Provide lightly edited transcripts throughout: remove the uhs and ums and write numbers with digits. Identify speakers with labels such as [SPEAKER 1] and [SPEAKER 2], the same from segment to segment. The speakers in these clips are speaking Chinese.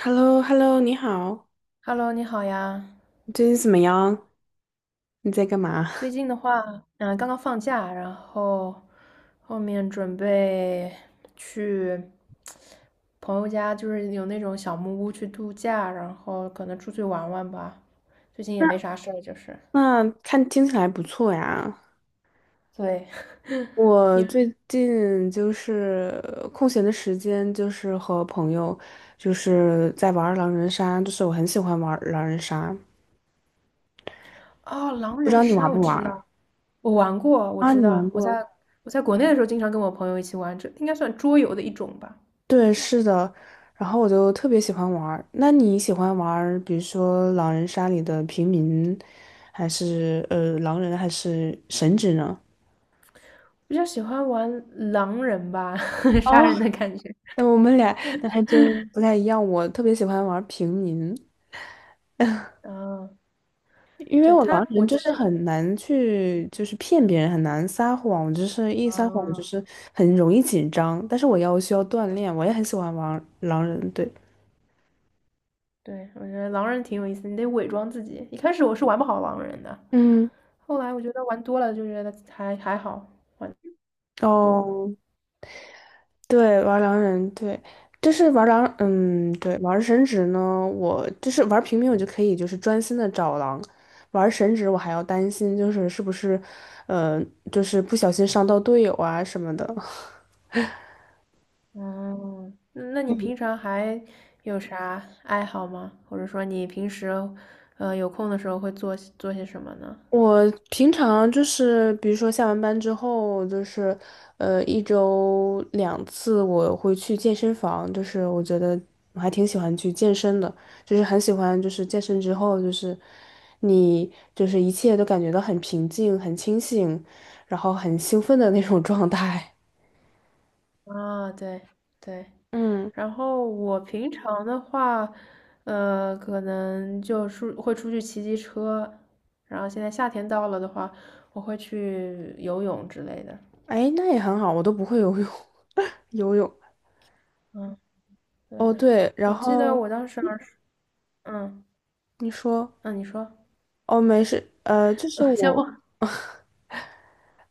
[SPEAKER 1] h e l l o hello 你好，
[SPEAKER 2] Hello，你好呀。
[SPEAKER 1] 你最近怎么样？你在干嘛？
[SPEAKER 2] 最 近的话，刚刚放假，然后后面准备去朋友家，就是有那种小木屋去度假，然后可能出去玩玩吧。最近也没
[SPEAKER 1] 那
[SPEAKER 2] 啥事儿，就是
[SPEAKER 1] 那看听起来不错呀。
[SPEAKER 2] 对。
[SPEAKER 1] 我
[SPEAKER 2] 因为
[SPEAKER 1] 最近就是空闲的时间，就是和朋友就是在玩儿狼人杀，就是我很喜欢玩儿狼人杀，
[SPEAKER 2] 哦，狼
[SPEAKER 1] 不知
[SPEAKER 2] 人
[SPEAKER 1] 道你玩
[SPEAKER 2] 杀我
[SPEAKER 1] 不玩
[SPEAKER 2] 知
[SPEAKER 1] 儿
[SPEAKER 2] 道，我玩过，我
[SPEAKER 1] 啊？
[SPEAKER 2] 知
[SPEAKER 1] 你
[SPEAKER 2] 道，
[SPEAKER 1] 玩
[SPEAKER 2] 我
[SPEAKER 1] 过？
[SPEAKER 2] 在我在国内的时候经常跟我朋友一起玩，这应该算桌游的一种吧。
[SPEAKER 1] 对，是的。然后我就特别喜欢玩儿，那你喜欢玩儿比如说狼人杀里的平民，还是狼人，还是神职呢？
[SPEAKER 2] 比较喜欢玩狼人吧，杀
[SPEAKER 1] 哦。
[SPEAKER 2] 人的感觉。
[SPEAKER 1] 那我们俩那还真不太一样。我特别喜欢玩平民，
[SPEAKER 2] 嗯，
[SPEAKER 1] 因为
[SPEAKER 2] 对，
[SPEAKER 1] 我狼
[SPEAKER 2] 他，我
[SPEAKER 1] 人就
[SPEAKER 2] 记
[SPEAKER 1] 是
[SPEAKER 2] 得。
[SPEAKER 1] 很难去，就是骗别人，很难撒谎，就是一撒谎就
[SPEAKER 2] 啊，
[SPEAKER 1] 是很容易紧张。但是需要锻炼，我也很喜欢玩狼人，对，
[SPEAKER 2] 对，我觉得狼人挺有意思的，你得伪装自己。一开始我是玩不好狼人的，
[SPEAKER 1] 嗯，
[SPEAKER 2] 后来我觉得玩多了就觉得还好多了。
[SPEAKER 1] 哦，对，玩狼人，对，就是玩狼，嗯，对，玩神职呢，我就是玩平民，我就可以就是专心的找狼。玩神职，我还要担心，就是是不是，呃，就是不小心伤到队友啊什么的。
[SPEAKER 2] 嗯，那你平常还有啥爱好吗？或者说你平时，有空的时候会做些什么呢？
[SPEAKER 1] 我平常就是，比如说下完班之后，就是，一周两次我会去健身房，就是我觉得我还挺喜欢去健身的，就是很喜欢，就是健身之后，就是你就是一切都感觉到很平静、很清醒，然后很兴奋的那种状态。
[SPEAKER 2] 啊，对对。
[SPEAKER 1] 嗯，
[SPEAKER 2] 然后我平常的话，可能就出会出去骑骑车，然后现在夏天到了的话，我会去游泳之类的。
[SPEAKER 1] 哎，那也很好，我都不会游泳，游泳。
[SPEAKER 2] 嗯。对，
[SPEAKER 1] 哦，对，然
[SPEAKER 2] 我记得
[SPEAKER 1] 后
[SPEAKER 2] 我当时儿时。嗯
[SPEAKER 1] 你说，
[SPEAKER 2] 嗯，你说。
[SPEAKER 1] 哦，没事，就 是
[SPEAKER 2] 像
[SPEAKER 1] 我。
[SPEAKER 2] 我，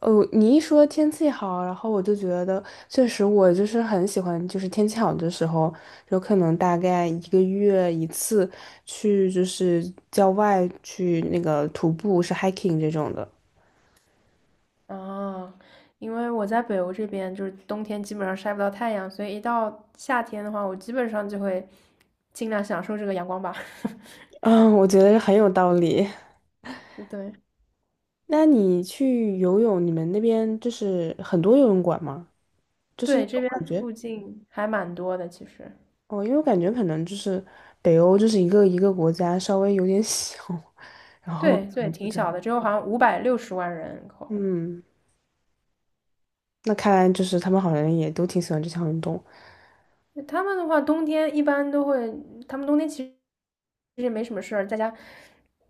[SPEAKER 1] 哦，你一说天气好，然后我就觉得，确实我就是很喜欢，就是天气好的时候，有可能大概一个月一次去，就是郊外去那个徒步，是 hiking 这种的。
[SPEAKER 2] 哦，因为我在北欧这边，就是冬天基本上晒不到太阳，所以一到夏天的话，我基本上就会尽量享受这个阳光吧。
[SPEAKER 1] 嗯，我 觉得很有道理。
[SPEAKER 2] 对
[SPEAKER 1] 那你去游泳，你们那边就是很多游泳馆吗？就是因
[SPEAKER 2] 对，
[SPEAKER 1] 为
[SPEAKER 2] 这
[SPEAKER 1] 我
[SPEAKER 2] 边
[SPEAKER 1] 感觉，
[SPEAKER 2] 附近还蛮多的，其实。
[SPEAKER 1] 哦，因为我感觉可能就是北欧，就是一个国家稍微有点小，然后可
[SPEAKER 2] 对对，
[SPEAKER 1] 能不
[SPEAKER 2] 挺
[SPEAKER 1] 知
[SPEAKER 2] 小
[SPEAKER 1] 道，
[SPEAKER 2] 的，只有好像560万人口。
[SPEAKER 1] 嗯。那看来就是他们好像也都挺喜欢这项运动。
[SPEAKER 2] 他们的话，冬天一般都会，他们冬天其实也没什么事儿，在家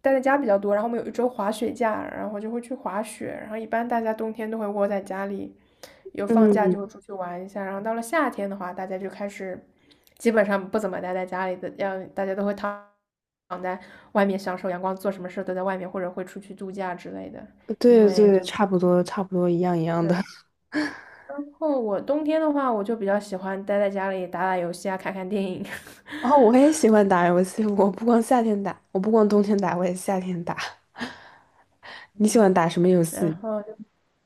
[SPEAKER 2] 待在家比较多。然后我们有一周滑雪假，然后就会去滑雪。然后一般大家冬天都会窝在家里，有放假
[SPEAKER 1] 嗯，
[SPEAKER 2] 就会出去玩一下。然后到了夏天的话，大家就开始基本上不怎么待在家里的，要大家都会躺在外面享受阳光，做什么事儿都在外面，或者会出去度假之类的。因
[SPEAKER 1] 对
[SPEAKER 2] 为
[SPEAKER 1] 对，
[SPEAKER 2] 就
[SPEAKER 1] 差不多差不多一样一样的。
[SPEAKER 2] 对，然后我冬天的话，我就比较喜欢待在家里打打游戏啊，看看电影。
[SPEAKER 1] 哦，我也喜欢打游戏，我不光夏天打，我不光冬天打，我也夏天打。你喜欢打什么游
[SPEAKER 2] 然
[SPEAKER 1] 戏？
[SPEAKER 2] 后就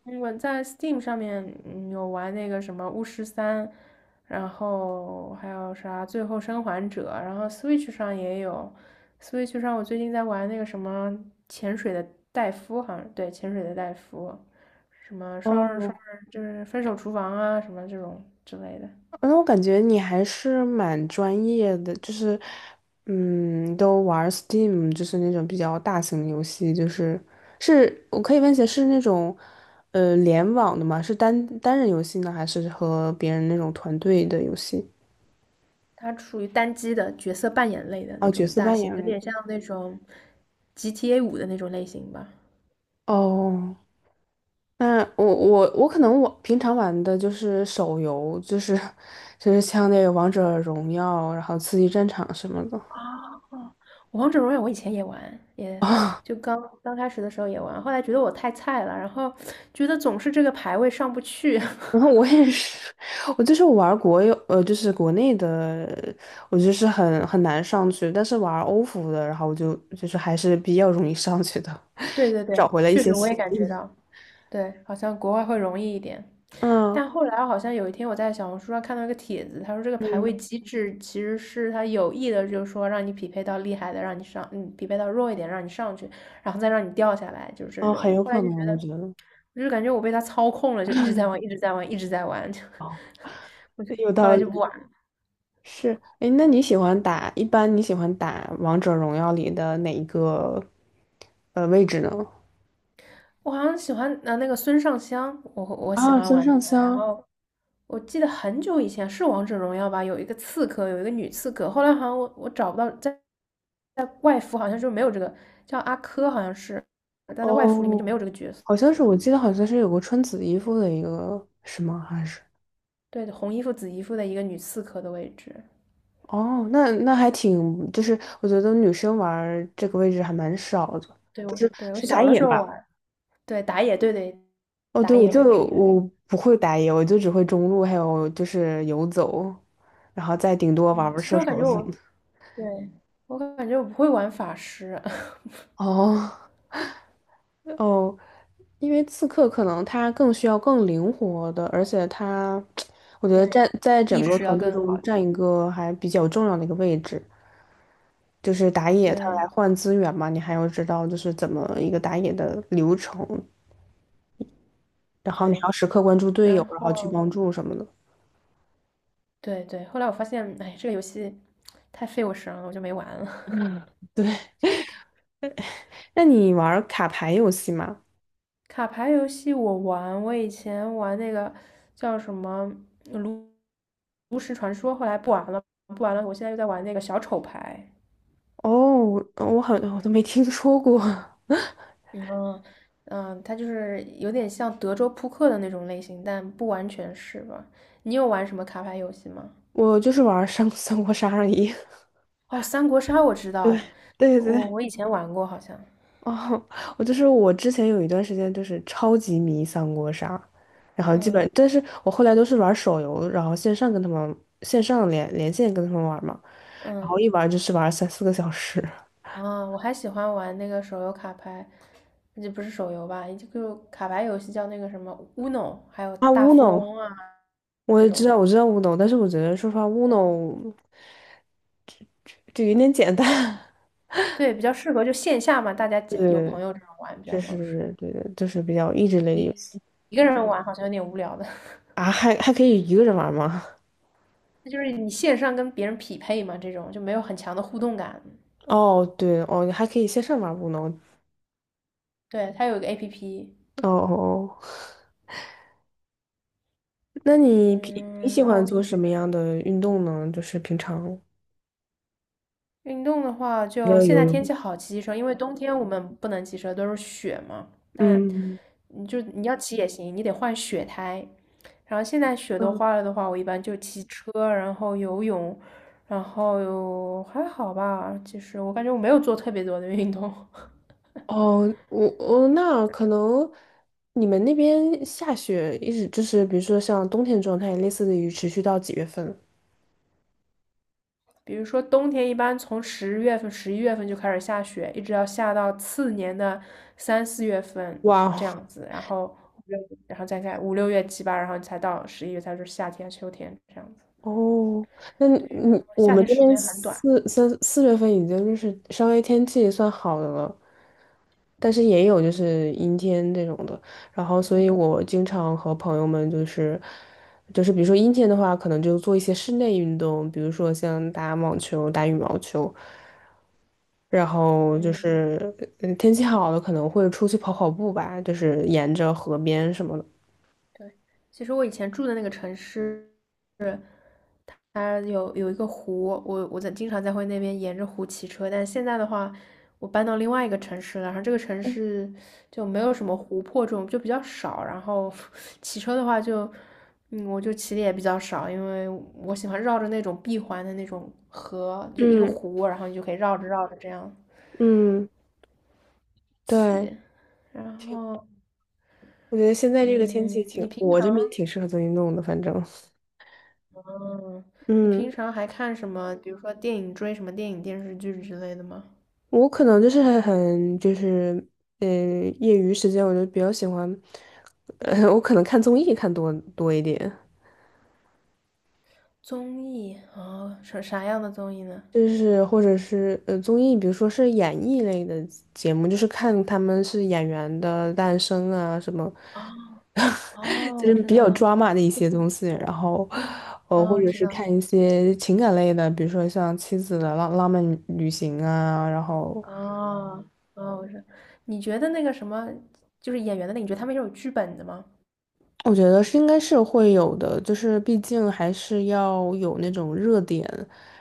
[SPEAKER 2] 我在 Steam 上面有玩那个什么《巫师三》，然后还有啥《最后生还者》，然后 Switch 上也有，Switch 上我最近在玩那个什么潜水的戴夫，好像对潜水的戴夫，什么双人双
[SPEAKER 1] 哦，
[SPEAKER 2] 人就是分手厨房啊什么这种之类的，
[SPEAKER 1] 那我感觉你还是蛮专业的，就是，嗯，都玩 Steam，就是那种比较大型的游戏，就是是我可以问一下，是那种联网的吗？是单人游戏呢，还是和别人那种团队的游戏？
[SPEAKER 2] 它属于单机的角色扮演类的那
[SPEAKER 1] 哦，角
[SPEAKER 2] 种
[SPEAKER 1] 色
[SPEAKER 2] 大
[SPEAKER 1] 扮
[SPEAKER 2] 型，
[SPEAKER 1] 演
[SPEAKER 2] 有
[SPEAKER 1] 类。
[SPEAKER 2] 点像那种 GTA 五的那种类型吧。
[SPEAKER 1] 哦，那我可能我平常玩的就是手游，就是就是像那个王者荣耀，然后刺激战场什么的
[SPEAKER 2] 啊。王者荣耀我以前也玩，也
[SPEAKER 1] 啊。
[SPEAKER 2] 就刚刚开始的时候也玩，后来觉得我太菜了，然后觉得总是这个排位上不去。
[SPEAKER 1] 然后我也是，我就是玩国有就是国内的，我就是很难上去，但是玩欧服的，然后我就就是还是比较容易上去的，
[SPEAKER 2] 对对对，
[SPEAKER 1] 找回了一
[SPEAKER 2] 确
[SPEAKER 1] 些
[SPEAKER 2] 实我也
[SPEAKER 1] 信
[SPEAKER 2] 感
[SPEAKER 1] 心。
[SPEAKER 2] 觉到，对，好像国外会容易一点。
[SPEAKER 1] 嗯
[SPEAKER 2] 但后来好像有一天我在小红书上看到一个帖子，他说这个排
[SPEAKER 1] 嗯，
[SPEAKER 2] 位机制其实是他有意的，就是说让你匹配到厉害的，让你上，嗯，匹配到弱一点，让你上去，然后再让你掉下来，就是这
[SPEAKER 1] 哦，很
[SPEAKER 2] 种。
[SPEAKER 1] 有
[SPEAKER 2] 后来
[SPEAKER 1] 可
[SPEAKER 2] 就觉
[SPEAKER 1] 能，
[SPEAKER 2] 得，
[SPEAKER 1] 我
[SPEAKER 2] 我
[SPEAKER 1] 觉得
[SPEAKER 2] 就是感觉我被他操控了，就一直在玩，一直在玩，一直在玩，就。
[SPEAKER 1] 哦，有
[SPEAKER 2] 后
[SPEAKER 1] 道
[SPEAKER 2] 来就不
[SPEAKER 1] 理。
[SPEAKER 2] 玩。
[SPEAKER 1] 是，哎，那你喜欢打，一般你喜欢打王者荣耀里的哪一个位置呢？
[SPEAKER 2] 我好像喜欢那个孙尚香，我喜
[SPEAKER 1] 啊，
[SPEAKER 2] 欢
[SPEAKER 1] 孙
[SPEAKER 2] 玩
[SPEAKER 1] 尚
[SPEAKER 2] 他。然
[SPEAKER 1] 香，
[SPEAKER 2] 后我记得很久以前是王者荣耀吧，有一个刺客，有一个女刺客。后来好像我找不到，在外服好像就没有这个叫阿珂，好像是，但在外服里面就没
[SPEAKER 1] 哦，
[SPEAKER 2] 有这个角色。
[SPEAKER 1] 好像是，我记得好像是有个穿紫衣服的一个，是吗？还是？
[SPEAKER 2] 对，红衣服紫衣服的一个女刺客的位置。
[SPEAKER 1] 哦，那那还挺，就是我觉得女生玩儿这个位置还蛮少的，
[SPEAKER 2] 对，
[SPEAKER 1] 就
[SPEAKER 2] 我
[SPEAKER 1] 是
[SPEAKER 2] 对我
[SPEAKER 1] 是打
[SPEAKER 2] 小的
[SPEAKER 1] 野
[SPEAKER 2] 时
[SPEAKER 1] 吧？
[SPEAKER 2] 候玩，对打野，对对
[SPEAKER 1] 哦，
[SPEAKER 2] 打
[SPEAKER 1] 对，我
[SPEAKER 2] 野位置
[SPEAKER 1] 就
[SPEAKER 2] 应该是。
[SPEAKER 1] 我不会打野，我就只会中路，还有就是游走，然后再顶多玩
[SPEAKER 2] 嗯，
[SPEAKER 1] 玩
[SPEAKER 2] 其实
[SPEAKER 1] 射
[SPEAKER 2] 我感觉
[SPEAKER 1] 手什么
[SPEAKER 2] 我
[SPEAKER 1] 的。
[SPEAKER 2] 对，我感觉我不会玩法师。
[SPEAKER 1] 哦。哦，因为刺客可能他更需要更灵活的，而且他，我觉得占
[SPEAKER 2] 对，
[SPEAKER 1] 在整
[SPEAKER 2] 意
[SPEAKER 1] 个
[SPEAKER 2] 识要
[SPEAKER 1] 团队
[SPEAKER 2] 更好
[SPEAKER 1] 中
[SPEAKER 2] 一
[SPEAKER 1] 占
[SPEAKER 2] 点。
[SPEAKER 1] 一个还比较重要的一个位置，就是打野他来
[SPEAKER 2] 对，
[SPEAKER 1] 换资源嘛，你还要知道就是怎么一个打野的流程，然后你还
[SPEAKER 2] 对，
[SPEAKER 1] 要时刻关注队友，
[SPEAKER 2] 然
[SPEAKER 1] 然后去
[SPEAKER 2] 后
[SPEAKER 1] 帮助什么的。
[SPEAKER 2] 对对，后来我发现，哎，这个游戏太费我神了，我就没玩了。
[SPEAKER 1] 对，
[SPEAKER 2] 就
[SPEAKER 1] 那你玩儿卡牌游戏吗？
[SPEAKER 2] 卡牌游戏我玩，我以前玩那个叫什么呃炉炉石传说，后来不玩了，不玩了。我现在又在玩那个小丑牌。
[SPEAKER 1] 哦，我好像我都没听说过，
[SPEAKER 2] 嗯嗯，它就是有点像德州扑克的那种类型，但不完全是吧？你有玩什么卡牌游戏吗？
[SPEAKER 1] 我就是玩儿三国杀而已。
[SPEAKER 2] 哦，三国杀我知道，
[SPEAKER 1] 对对
[SPEAKER 2] 我
[SPEAKER 1] 对。
[SPEAKER 2] 我以前玩过，好像。
[SPEAKER 1] 哦，我就是我之前有一段时间就是超级迷三国杀，然后基本，
[SPEAKER 2] 嗯
[SPEAKER 1] 但是我后来都是玩手游，然后线上跟他们线上连线跟他们玩嘛，然
[SPEAKER 2] 嗯。
[SPEAKER 1] 后一玩就是玩三四个小时。
[SPEAKER 2] 啊，我还喜欢玩那个手游卡牌，这不是手游吧？也就卡牌游戏叫那个什么 Uno，还有
[SPEAKER 1] 啊
[SPEAKER 2] 大富
[SPEAKER 1] ，Uno，
[SPEAKER 2] 翁啊这种。
[SPEAKER 1] 我知道 Uno，但是我觉得说实话，Uno 就有点简单。
[SPEAKER 2] 对，比较适合就线下嘛，大家几有
[SPEAKER 1] 对，
[SPEAKER 2] 朋友这种玩比较
[SPEAKER 1] 就
[SPEAKER 2] 合适。
[SPEAKER 1] 是对的，就是比较益智类的游戏
[SPEAKER 2] 一个人玩好像有点无聊的。
[SPEAKER 1] 啊，还还可以一个人玩吗？
[SPEAKER 2] 那就是你线上跟别人匹配嘛，这种就没有很强的互动感。
[SPEAKER 1] 哦，对哦，还可以线上玩 Uno。
[SPEAKER 2] 对，它有一个 APP。
[SPEAKER 1] 哦哦。哦那你平
[SPEAKER 2] 嗯，
[SPEAKER 1] 你
[SPEAKER 2] 然
[SPEAKER 1] 喜
[SPEAKER 2] 后我
[SPEAKER 1] 欢做
[SPEAKER 2] 平
[SPEAKER 1] 什
[SPEAKER 2] 时
[SPEAKER 1] 么样的运动呢？就是平常
[SPEAKER 2] 运动的话，
[SPEAKER 1] 除
[SPEAKER 2] 就
[SPEAKER 1] 了
[SPEAKER 2] 现
[SPEAKER 1] 游
[SPEAKER 2] 在天
[SPEAKER 1] 泳，
[SPEAKER 2] 气好，骑骑车，因为冬天我们不能骑车，都是雪嘛。但
[SPEAKER 1] 嗯，
[SPEAKER 2] 你就你要骑也行，你得换雪胎。然后现在雪都
[SPEAKER 1] 嗯，
[SPEAKER 2] 化了的话，我一般就骑车，然后游泳，然后还好吧。其实我感觉我没有做特别多的运动。
[SPEAKER 1] 哦，我我那可能你们那边下雪一直就是，比如说像冬天状态，类似于持续到几月份？
[SPEAKER 2] 比如说冬天一般从10月份、11月份就开始下雪，一直要下到次年的3、4月份
[SPEAKER 1] 哇
[SPEAKER 2] 这 样子，然后五六然后再看5、6月、七八，然后才到十一月才是夏天、秋天这样子。
[SPEAKER 1] 哦，哦，那
[SPEAKER 2] 对，
[SPEAKER 1] 你我
[SPEAKER 2] 夏
[SPEAKER 1] 们
[SPEAKER 2] 天
[SPEAKER 1] 这
[SPEAKER 2] 时
[SPEAKER 1] 边
[SPEAKER 2] 间很短。
[SPEAKER 1] 三四月份已经就是稍微天气算好的了，但是也有就是阴天这种的，然后所以我经常和朋友们就是，就是比如说阴天的话，可能就做一些室内运动，比如说像打网球、打羽毛球，然后就
[SPEAKER 2] 嗯。
[SPEAKER 1] 是嗯天气好了可能会出去跑跑步吧，就是沿着河边什么的。
[SPEAKER 2] 对，其实我以前住的那个城市，是它有一个湖，我在经常在会那边沿着湖骑车，但现在的话，我搬到另外一个城市了，然后这个城市就没有什么湖泊这种，就比较少，然后。 骑车的话就，嗯，我就骑的也比较少，因为我喜欢绕着那种闭环的那种河，就一个
[SPEAKER 1] 嗯
[SPEAKER 2] 湖，然后你就可以绕着绕着这样，
[SPEAKER 1] 嗯，对，
[SPEAKER 2] 然
[SPEAKER 1] 挺，
[SPEAKER 2] 后。
[SPEAKER 1] 我觉得现在这个天气
[SPEAKER 2] 嗯，
[SPEAKER 1] 挺，
[SPEAKER 2] 你平
[SPEAKER 1] 我
[SPEAKER 2] 常
[SPEAKER 1] 这边挺适合做运动的，反正。
[SPEAKER 2] 嗯，你
[SPEAKER 1] 嗯。
[SPEAKER 2] 平常还看什么？比如说电影，追什么电影、电视剧之类的吗？
[SPEAKER 1] 我可能就是很就是嗯，业余时间，我就比较喜欢，我可能看综艺看多一点，
[SPEAKER 2] 综艺哦，啥啥样的综艺呢？
[SPEAKER 1] 就是或者是综艺，比如说是演艺类的节目，就是看他们是演员的诞生啊什么，
[SPEAKER 2] 哦 哦，
[SPEAKER 1] 就
[SPEAKER 2] 我
[SPEAKER 1] 是
[SPEAKER 2] 知
[SPEAKER 1] 比较
[SPEAKER 2] 道。
[SPEAKER 1] drama 的一些东西，然后
[SPEAKER 2] 哦，
[SPEAKER 1] 或
[SPEAKER 2] 我
[SPEAKER 1] 者
[SPEAKER 2] 知
[SPEAKER 1] 是
[SPEAKER 2] 道。
[SPEAKER 1] 看一些情感类的，比如说像《妻子的浪漫旅行》啊，然后。
[SPEAKER 2] 哦哦，我知道。你觉得那个什么，就是演员的那你觉得他们是有剧本的吗？
[SPEAKER 1] 我觉得是应该是会有的，就是毕竟还是要有那种热点，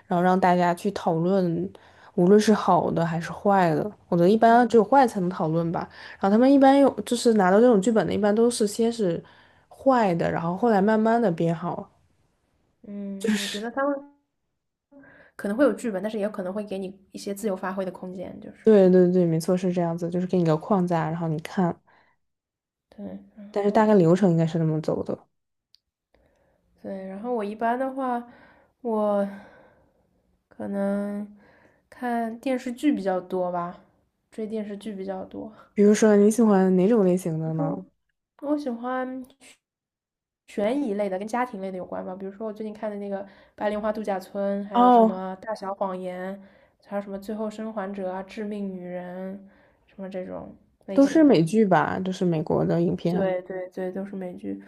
[SPEAKER 1] 然后让大家去讨论，无论是好的还是坏的。我觉得一般
[SPEAKER 2] 嗯
[SPEAKER 1] 只有坏才能讨论吧。然后他们一般有就是拿到这种剧本的，一般都是先是坏的，然后后来慢慢的变好。
[SPEAKER 2] 嗯，我觉得他们可能会有剧本，但是也有可能会给你一些自由发挥的空间，就是
[SPEAKER 1] 对对对，没错，是这样子，就是给你个框架，然后你看，
[SPEAKER 2] 对。然
[SPEAKER 1] 但是大
[SPEAKER 2] 后
[SPEAKER 1] 概流程应该是那么走的。
[SPEAKER 2] 对，然后我一般的话，我。可能看电视剧比较多吧，追电视剧比较多。
[SPEAKER 1] 比如说你喜欢哪种类型的呢？
[SPEAKER 2] 我喜欢悬疑类的，跟家庭类的有关吧，比如说我最近看的那个《白莲花度假村》，还有什
[SPEAKER 1] 哦，
[SPEAKER 2] 么《大小谎言》，还有什么《最后生还者》啊，《致命女人》，什么这种类
[SPEAKER 1] 都是
[SPEAKER 2] 型的。
[SPEAKER 1] 美剧吧，就是美国的影片。
[SPEAKER 2] 对对对，都是美剧。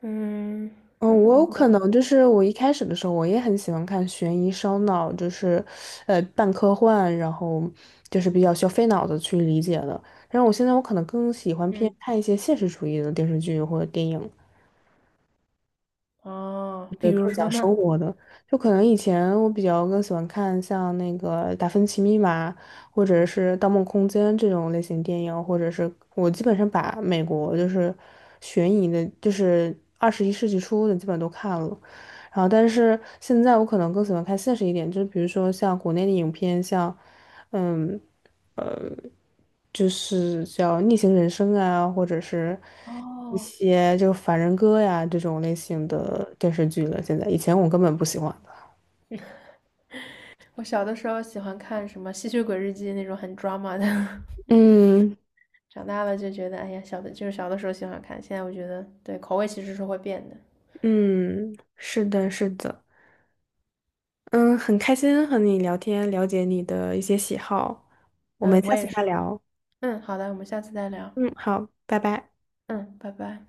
[SPEAKER 2] 嗯，
[SPEAKER 1] 嗯，
[SPEAKER 2] 然
[SPEAKER 1] 我有
[SPEAKER 2] 后
[SPEAKER 1] 可
[SPEAKER 2] 呢？
[SPEAKER 1] 能就是我一开始的时候，我也很喜欢看悬疑烧脑，就是，半科幻，然后就是比较需要费脑子去理解的。但是我现在我可能更喜欢偏
[SPEAKER 2] 嗯，
[SPEAKER 1] 看一些现实主义的电视剧或者电影，
[SPEAKER 2] 哦，比如说呢？
[SPEAKER 1] 就可能以前我比较更喜欢看像那个《达芬奇密码》或者是《盗梦空间》这种类型电影，或者是我基本上把美国就是悬疑的，就是21世纪初的基本都看了。然后，但是现在我可能更喜欢看现实一点，就是比如说像国内的影片，像嗯，就是叫《逆行人生》啊，或者是一
[SPEAKER 2] 哦，
[SPEAKER 1] 些就《凡人歌》呀这种类型
[SPEAKER 2] 嗯。
[SPEAKER 1] 的电视剧了。现在以前我根本不喜欢的，
[SPEAKER 2] 我小的时候喜欢看什么《吸血鬼日记》那种很 drama 的。
[SPEAKER 1] 嗯。
[SPEAKER 2] 长大了就觉得，哎呀，小的就是小的时候喜欢看，现在我觉得对口味其实是会变的。
[SPEAKER 1] 嗯，是的，是的，嗯，很开心和你聊天，了解你的一些喜好，我们
[SPEAKER 2] 嗯，我
[SPEAKER 1] 下次
[SPEAKER 2] 也是。
[SPEAKER 1] 再聊。
[SPEAKER 2] 嗯，好的，我们下次再聊。
[SPEAKER 1] 嗯，好，拜拜。
[SPEAKER 2] 嗯，拜拜。